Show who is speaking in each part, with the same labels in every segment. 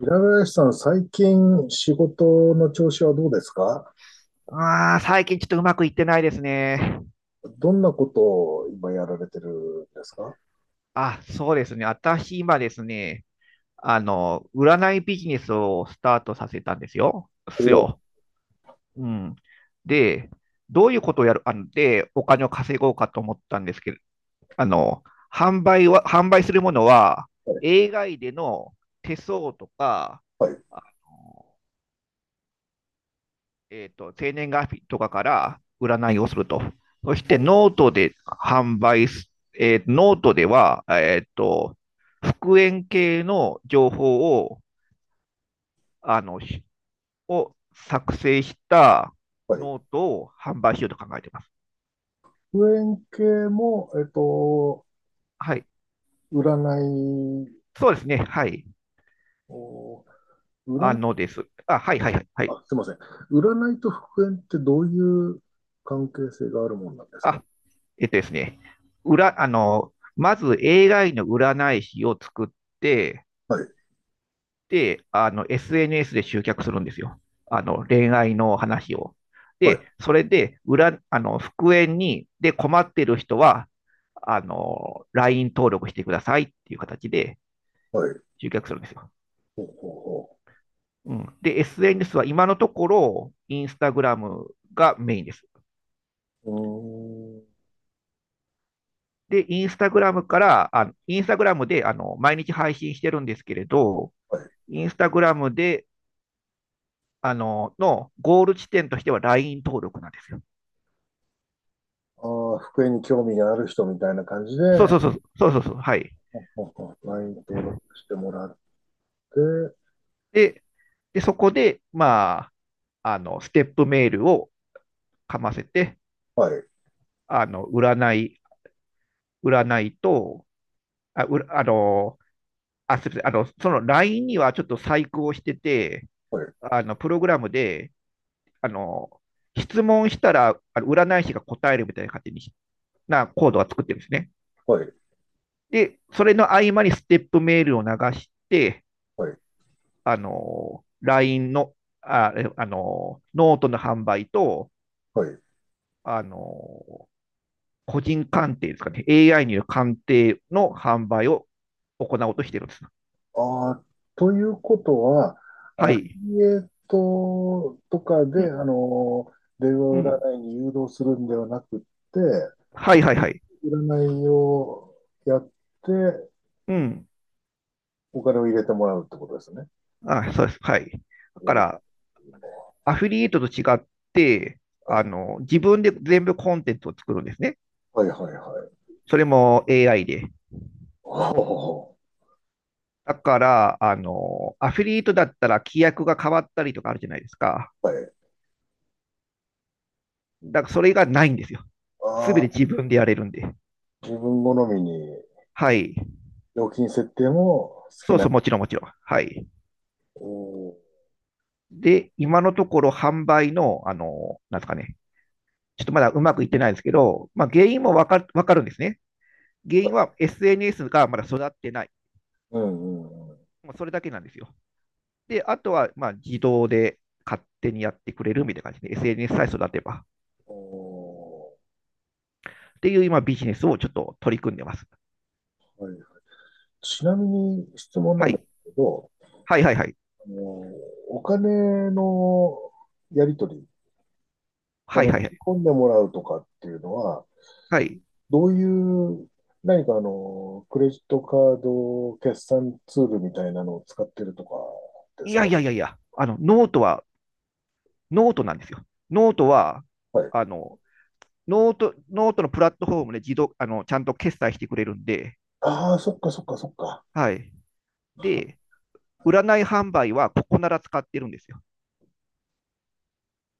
Speaker 1: 平林さん、最近仕事の調子はどうですか？
Speaker 2: 最近ちょっとうまくいってないですね。
Speaker 1: どんなことを今やられてるんですか？
Speaker 2: そうですね。私今ですね、占いビジネスをスタートさせたんですよ。
Speaker 1: おお
Speaker 2: うん。で、どういうことをやる、で、お金を稼ごうかと思ったんですけど、あの、販売するものは、
Speaker 1: ー、
Speaker 2: AI での手相とか、
Speaker 1: はい、はい、
Speaker 2: あ生年月日とかから占いをすると。そして
Speaker 1: お、
Speaker 2: ノートで販売す、えーノートでは、復縁系の情報を、あの、を作成した
Speaker 1: はい。
Speaker 2: ノートを販売しようと考えています。
Speaker 1: 復縁系も、
Speaker 2: はい。
Speaker 1: 占い
Speaker 2: そうですね。はい。
Speaker 1: を、
Speaker 2: あ
Speaker 1: 占、
Speaker 2: のです。あ、はいはいはい。はい。
Speaker 1: あ、すいません。占いと復縁ってどういう関係性があるもんなんですか？
Speaker 2: あ、えっとですね。裏、あの、まず AI の占い師を作って、
Speaker 1: はい、
Speaker 2: で、SNS で集客するんですよ。恋愛の話を。
Speaker 1: は
Speaker 2: で、
Speaker 1: い、
Speaker 2: それで、裏、あの、復縁に、で、困ってる人は、LINE 登録してくださいっていう形で
Speaker 1: はい。
Speaker 2: 集客するんですよ。
Speaker 1: ほうほう
Speaker 2: うん。で、SNS は今のところ、インスタグラムがメインです。
Speaker 1: ほう。うーん、
Speaker 2: で、インスタグラムで、毎日配信してるんですけれど、
Speaker 1: はい。
Speaker 2: インスタグラムでのゴール地点としては LINE 登録なんですよ。
Speaker 1: ああ、復縁に興味がある人みたいな感じ
Speaker 2: そう
Speaker 1: で、
Speaker 2: そうそう、そうそうそう、はい。
Speaker 1: ほうほうほう、 LINE 登録してもらっえー、
Speaker 2: で、で、そこで、まあ、ステップメールをかませて、
Speaker 1: はい、
Speaker 2: あの、占い、占いと、あ、うら、あの、あ、すみません、その LINE にはちょっと細工をしてて、
Speaker 1: はい、
Speaker 2: プログラムで、あの、質問したら、あの占い師が答えるみたいな感じになコードは作ってるんですね。
Speaker 1: はい、
Speaker 2: で、それの合間にステップメールを流して、
Speaker 1: はい、
Speaker 2: あの、LINE の、あ、えあの、ノートの販売と、
Speaker 1: はい。
Speaker 2: あの、個人鑑定ですかね、AI による鑑定の販売を行おうとしているんです。
Speaker 1: ああ、ということは、
Speaker 2: は
Speaker 1: アフ
Speaker 2: い。
Speaker 1: ィリエイトとか
Speaker 2: う
Speaker 1: で、
Speaker 2: ん、
Speaker 1: 電
Speaker 2: う
Speaker 1: 話
Speaker 2: ん。
Speaker 1: 占いに誘導するんではなくって、
Speaker 2: はい
Speaker 1: 直
Speaker 2: はいはい。
Speaker 1: 接占いをやって、
Speaker 2: うん。
Speaker 1: お金を入れてもらうってことですね。
Speaker 2: あ、そうです。はい。だか
Speaker 1: お、
Speaker 2: ら、アフィリエイトと違って、
Speaker 1: はい、
Speaker 2: 自分で全部コンテンツを作るんですね。
Speaker 1: はい、はい、はい。
Speaker 2: それも AI で。
Speaker 1: おー、
Speaker 2: だから、アフィリエイトだったら規約が変わったりとかあるじゃないですか。
Speaker 1: はい。
Speaker 2: だから、それがないんですよ。す
Speaker 1: あ
Speaker 2: べて
Speaker 1: あ、
Speaker 2: 自分でやれるんで。
Speaker 1: 自分好みに
Speaker 2: はい。
Speaker 1: 料金設定も好き
Speaker 2: そうそ
Speaker 1: な。
Speaker 2: う、もちろんもちろん。はい。
Speaker 1: おー、
Speaker 2: で、今のところ販売の、なんですかね、ちょっとまだうまくいってないですけど、まあ、原因もわかるわかるんですね。原
Speaker 1: は
Speaker 2: 因
Speaker 1: い、
Speaker 2: は SNS がまだ育ってない。
Speaker 1: うん、うん、うん。
Speaker 2: もうそれだけなんですよ。で、あとは、まあ、自動で勝手にやってくれるみたいな感じで、SNS さえ育てば。
Speaker 1: おー、
Speaker 2: っていう今、ビジネスをちょっと取り組んでます。
Speaker 1: はい、ちなみに質問な
Speaker 2: は
Speaker 1: んで
Speaker 2: い。
Speaker 1: すけど、
Speaker 2: はいはいはい。
Speaker 1: あの、お金のやり取り、
Speaker 2: はい
Speaker 1: 振
Speaker 2: はいは
Speaker 1: り
Speaker 2: い。
Speaker 1: 込んでもらうとかっていうのは、
Speaker 2: はい。
Speaker 1: どういう、何かクレジットカード決算ツールみたいなのを使ってるとかで
Speaker 2: い
Speaker 1: す
Speaker 2: や
Speaker 1: か？
Speaker 2: いやいやいや、ノートなんですよ。ノートは、
Speaker 1: はい。
Speaker 2: あの、ノート、ノートのプラットフォームで自動、ちゃんと決済してくれるんで、
Speaker 1: ああ、そっかそっかそっか。
Speaker 2: はい。で、占い販売はここなら使ってるんですよ。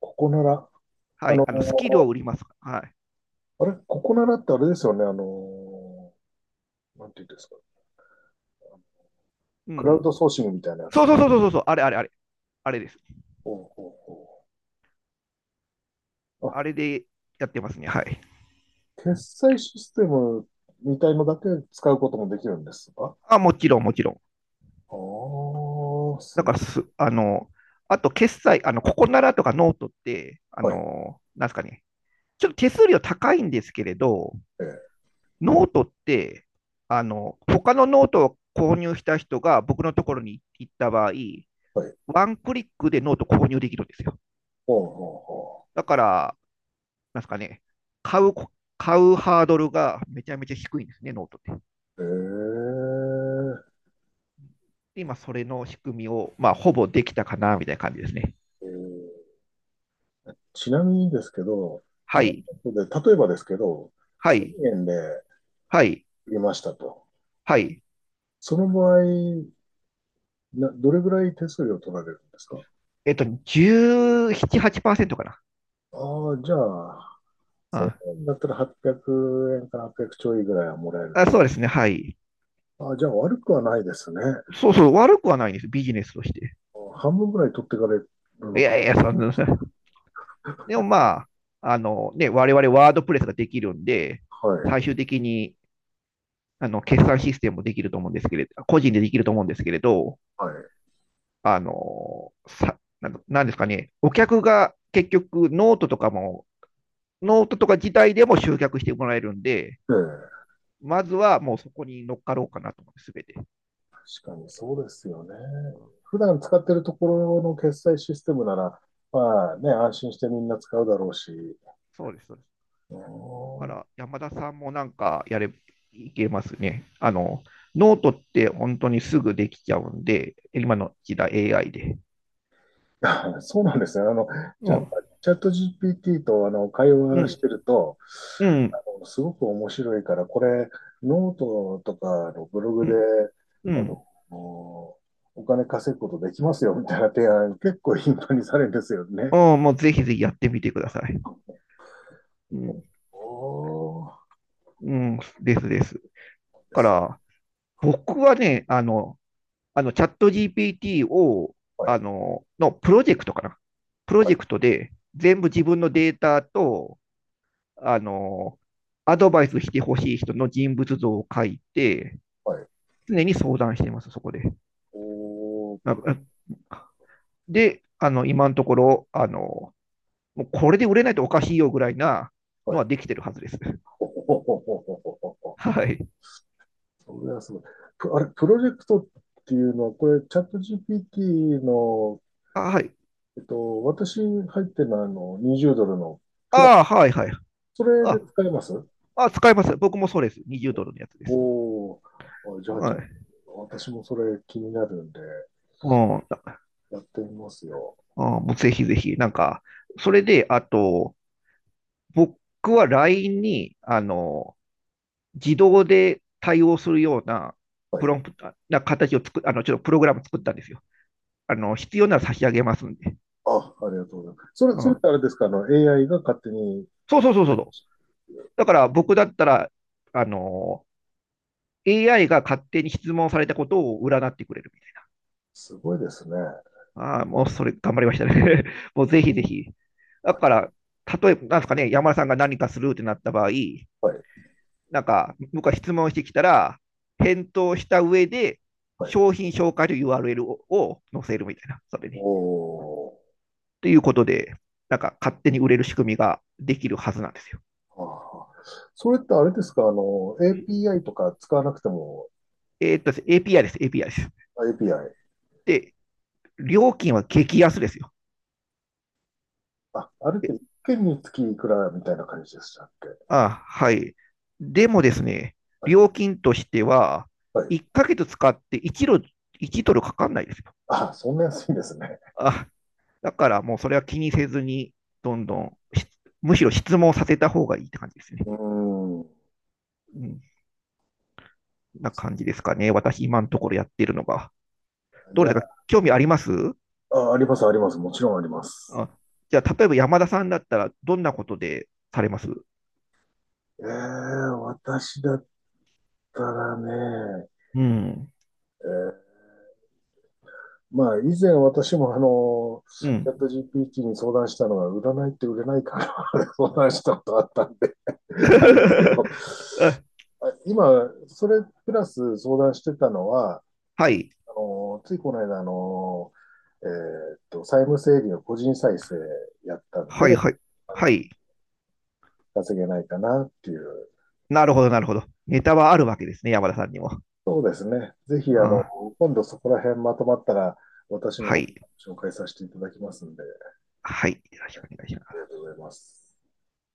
Speaker 1: ここなら、
Speaker 2: は
Speaker 1: あ
Speaker 2: い。
Speaker 1: の、
Speaker 2: スキルを売ります。は
Speaker 1: あれ、ここならってあれですよね、なんていうんですか。
Speaker 2: い。う
Speaker 1: クラウ
Speaker 2: ん。
Speaker 1: ドソーシングみたいなや
Speaker 2: そう
Speaker 1: つ。
Speaker 2: そうそうそうそう、あれあれあれ、あれです。
Speaker 1: ほうほうほう。
Speaker 2: あれでやってますね。はい。
Speaker 1: 決済システムみたいのだけ使うこともできるんですか？
Speaker 2: もちろんもちろん。
Speaker 1: ああ、
Speaker 2: だ
Speaker 1: す、
Speaker 2: からす、あの、あと決済、ここならとかノートって、
Speaker 1: はい、
Speaker 2: なんですかね、ちょっと手数料高いんですけれど、
Speaker 1: ええ、
Speaker 2: ノートって、他のノートを購入した人が僕のところに行った場合、
Speaker 1: はい。
Speaker 2: ワンクリックでノート購入できるんですよ。
Speaker 1: ほうほうほ
Speaker 2: だから、なんすかね、買うこ、買うハードルがめちゃめちゃ低いんですね、ノートって。
Speaker 1: う。ええ、
Speaker 2: で今、それの仕組みを、まあ、ほぼできたかな、みたいな感じですね。
Speaker 1: うん。ちなみにですけど、
Speaker 2: は
Speaker 1: な
Speaker 2: い、
Speaker 1: ので、例えばですけど、
Speaker 2: はい、
Speaker 1: 1000円で
Speaker 2: はい、
Speaker 1: 売りましたと。
Speaker 2: はい。
Speaker 1: その場合、な、どれぐらい手数料取られるんですか？
Speaker 2: えっと、1ン8%かな。
Speaker 1: ああ、じゃあ、1000
Speaker 2: あ
Speaker 1: 円だったら800円から800ちょいぐらいはもらえる
Speaker 2: あ、
Speaker 1: と。
Speaker 2: そうですね、はい。
Speaker 1: ああ、じゃあ悪くはないですね。
Speaker 2: そうそう、悪くはないんです、ビジネスとして。
Speaker 1: 半分ぐらい取ってかれる
Speaker 2: い
Speaker 1: のか。
Speaker 2: やいや、そんな、でもまあ、我々ワードプレスができるんで、
Speaker 1: は
Speaker 2: 最
Speaker 1: い。
Speaker 2: 終的に決算システムもできると思うんですけれど、個人でできると思うんですけれど、
Speaker 1: はい。
Speaker 2: あの、さ、なんかなんですかね、お客が結局ノートとか自体でも集客してもらえるんで、
Speaker 1: ええ。
Speaker 2: まずはもうそこに乗っかろうかなと思って、すべて。
Speaker 1: 確かにそうですよね。普段使ってるところの決済システムなら、まあね、安心してみんな使うだろうし。
Speaker 2: そうです、そうです。
Speaker 1: う
Speaker 2: だか
Speaker 1: ん。
Speaker 2: ら山田さんもなんかやれ、いけますね。ノートって本当にすぐできちゃうんで、今の時代 AI で。
Speaker 1: そうなんですね。あの、チ
Speaker 2: う
Speaker 1: ャ
Speaker 2: ん、
Speaker 1: チャット GPT とあの会
Speaker 2: う
Speaker 1: 話し
Speaker 2: ん、
Speaker 1: てると、
Speaker 2: うん、
Speaker 1: あのすごく面白いから、これ、ノートとかのブログ
Speaker 2: う
Speaker 1: で、
Speaker 2: ん、う
Speaker 1: あ
Speaker 2: ん。
Speaker 1: の、お金稼ぐことできますよみたいな提案、結構頻繁にされるんですよね。
Speaker 2: うんもうぜひぜひやってみてください。うん、
Speaker 1: おー、
Speaker 2: うん、ですです。だ
Speaker 1: で
Speaker 2: か
Speaker 1: す。
Speaker 2: ら、僕はね、チャット GPT を、
Speaker 1: は
Speaker 2: あ
Speaker 1: い、
Speaker 2: の、のプロジェクトかな。プロ
Speaker 1: は
Speaker 2: ジ
Speaker 1: い、
Speaker 2: ェクトで全部自分のデータと、あの、アドバイスしてほしい人の人物像を書いて、
Speaker 1: はい。
Speaker 2: 常に相談してます、そこで。
Speaker 1: おー、
Speaker 2: あ
Speaker 1: プ、
Speaker 2: あで、今のところ、もうこれで売れないとおかしいよぐらいな
Speaker 1: は
Speaker 2: のは
Speaker 1: い。
Speaker 2: できてるはずです。
Speaker 1: ほほほほほほほ ほ。
Speaker 2: はい。
Speaker 1: それはすごい。プ、あれ、プロジェクトっていうのは、これ、チャット GPT の、
Speaker 2: あ、はい。
Speaker 1: 私入ってるのは、20ドルのプラン、
Speaker 2: あ、はい、はい。
Speaker 1: それで
Speaker 2: あ、
Speaker 1: 使えます？
Speaker 2: 使います。僕もそうです。20ドルのやつです。
Speaker 1: おー、あじゃあ、
Speaker 2: は
Speaker 1: ちょっ
Speaker 2: い。
Speaker 1: と、私もそれ気になるんで、
Speaker 2: うん。
Speaker 1: やってみますよ。
Speaker 2: もうぜひぜひ、なんか、それで、あと、僕は LINE に、自動で対応するような、
Speaker 1: は
Speaker 2: プ
Speaker 1: い。
Speaker 2: ロンプトな形を作っ、あの、ちょっとプログラム作ったんですよ。必要なら差し上げますんで。
Speaker 1: あ、ありがとうございます。それ、
Speaker 2: う
Speaker 1: それっ
Speaker 2: ん。
Speaker 1: てあれですか、AI が勝手に、
Speaker 2: そうそうそうそうそう。だから僕だったら、あの、AI が勝手に質問されたことを占ってくれるみたい
Speaker 1: すごいですね。
Speaker 2: な。ああ、もうそれ頑張りましたね。もうぜひぜひ。だから、例えば、なんですかね、山田さんが何かするってなった場合、
Speaker 1: はい、
Speaker 2: なんか、僕は質問してきたら、返答した上で、
Speaker 1: はい。
Speaker 2: 商品紹介という URL を載せるみたいな、それに。
Speaker 1: おー。
Speaker 2: ということで、なんか勝手に売れる仕組みができるはずなんですよ。
Speaker 1: ああ。それってあれですか、API とか使わなくても、
Speaker 2: です、API です、API です。
Speaker 1: あ、 API。
Speaker 2: で、料金は激安ですよ。
Speaker 1: あ、あれって
Speaker 2: え
Speaker 1: 一件につきいくらみたいな感じでしたっけ？
Speaker 2: はい。でもですね、
Speaker 1: はい。
Speaker 2: 料金としては、
Speaker 1: はい。
Speaker 2: 1ヶ月使って1ドル、いちドルかかんないですよ。
Speaker 1: あ、そんな安いんですね。
Speaker 2: あ、だからもうそれは気にせずに、どんどん、むしろ質問させた方がいいって感じですね。
Speaker 1: うー
Speaker 2: うん。な感じですかね。私、今のところやってるのが。
Speaker 1: ん。
Speaker 2: どう
Speaker 1: じゃ
Speaker 2: ですか？興味あります？
Speaker 1: あ、あ、あります、あります。もちろんあります。
Speaker 2: あ、じゃあ、例えば山田さんだったら、どんなことでされます？
Speaker 1: 私だったらね、
Speaker 2: うん。
Speaker 1: まあ、以前私も
Speaker 2: う
Speaker 1: チ
Speaker 2: ん。
Speaker 1: ャット GPT に相談したのが、占いって売れないから 相談したことあったんで あれですけ ど、
Speaker 2: あ
Speaker 1: あ、今、それプラス相談してたのは、
Speaker 2: はい。
Speaker 1: ついこの間、債務整理の個人再生やったん
Speaker 2: はい、
Speaker 1: で、
Speaker 2: はい。
Speaker 1: あの
Speaker 2: はい。
Speaker 1: 稼げないかなっていう。
Speaker 2: なるほど、なるほど。ネタはあるわけですね、山田さんにも。
Speaker 1: そうですね。ぜひ、
Speaker 2: あ
Speaker 1: 今度そこら辺まとまったら、私の
Speaker 2: は
Speaker 1: 方か
Speaker 2: い。
Speaker 1: ら紹介させていただきますんで、あ
Speaker 2: はい。よろしくお願いします。
Speaker 1: りがとうございます。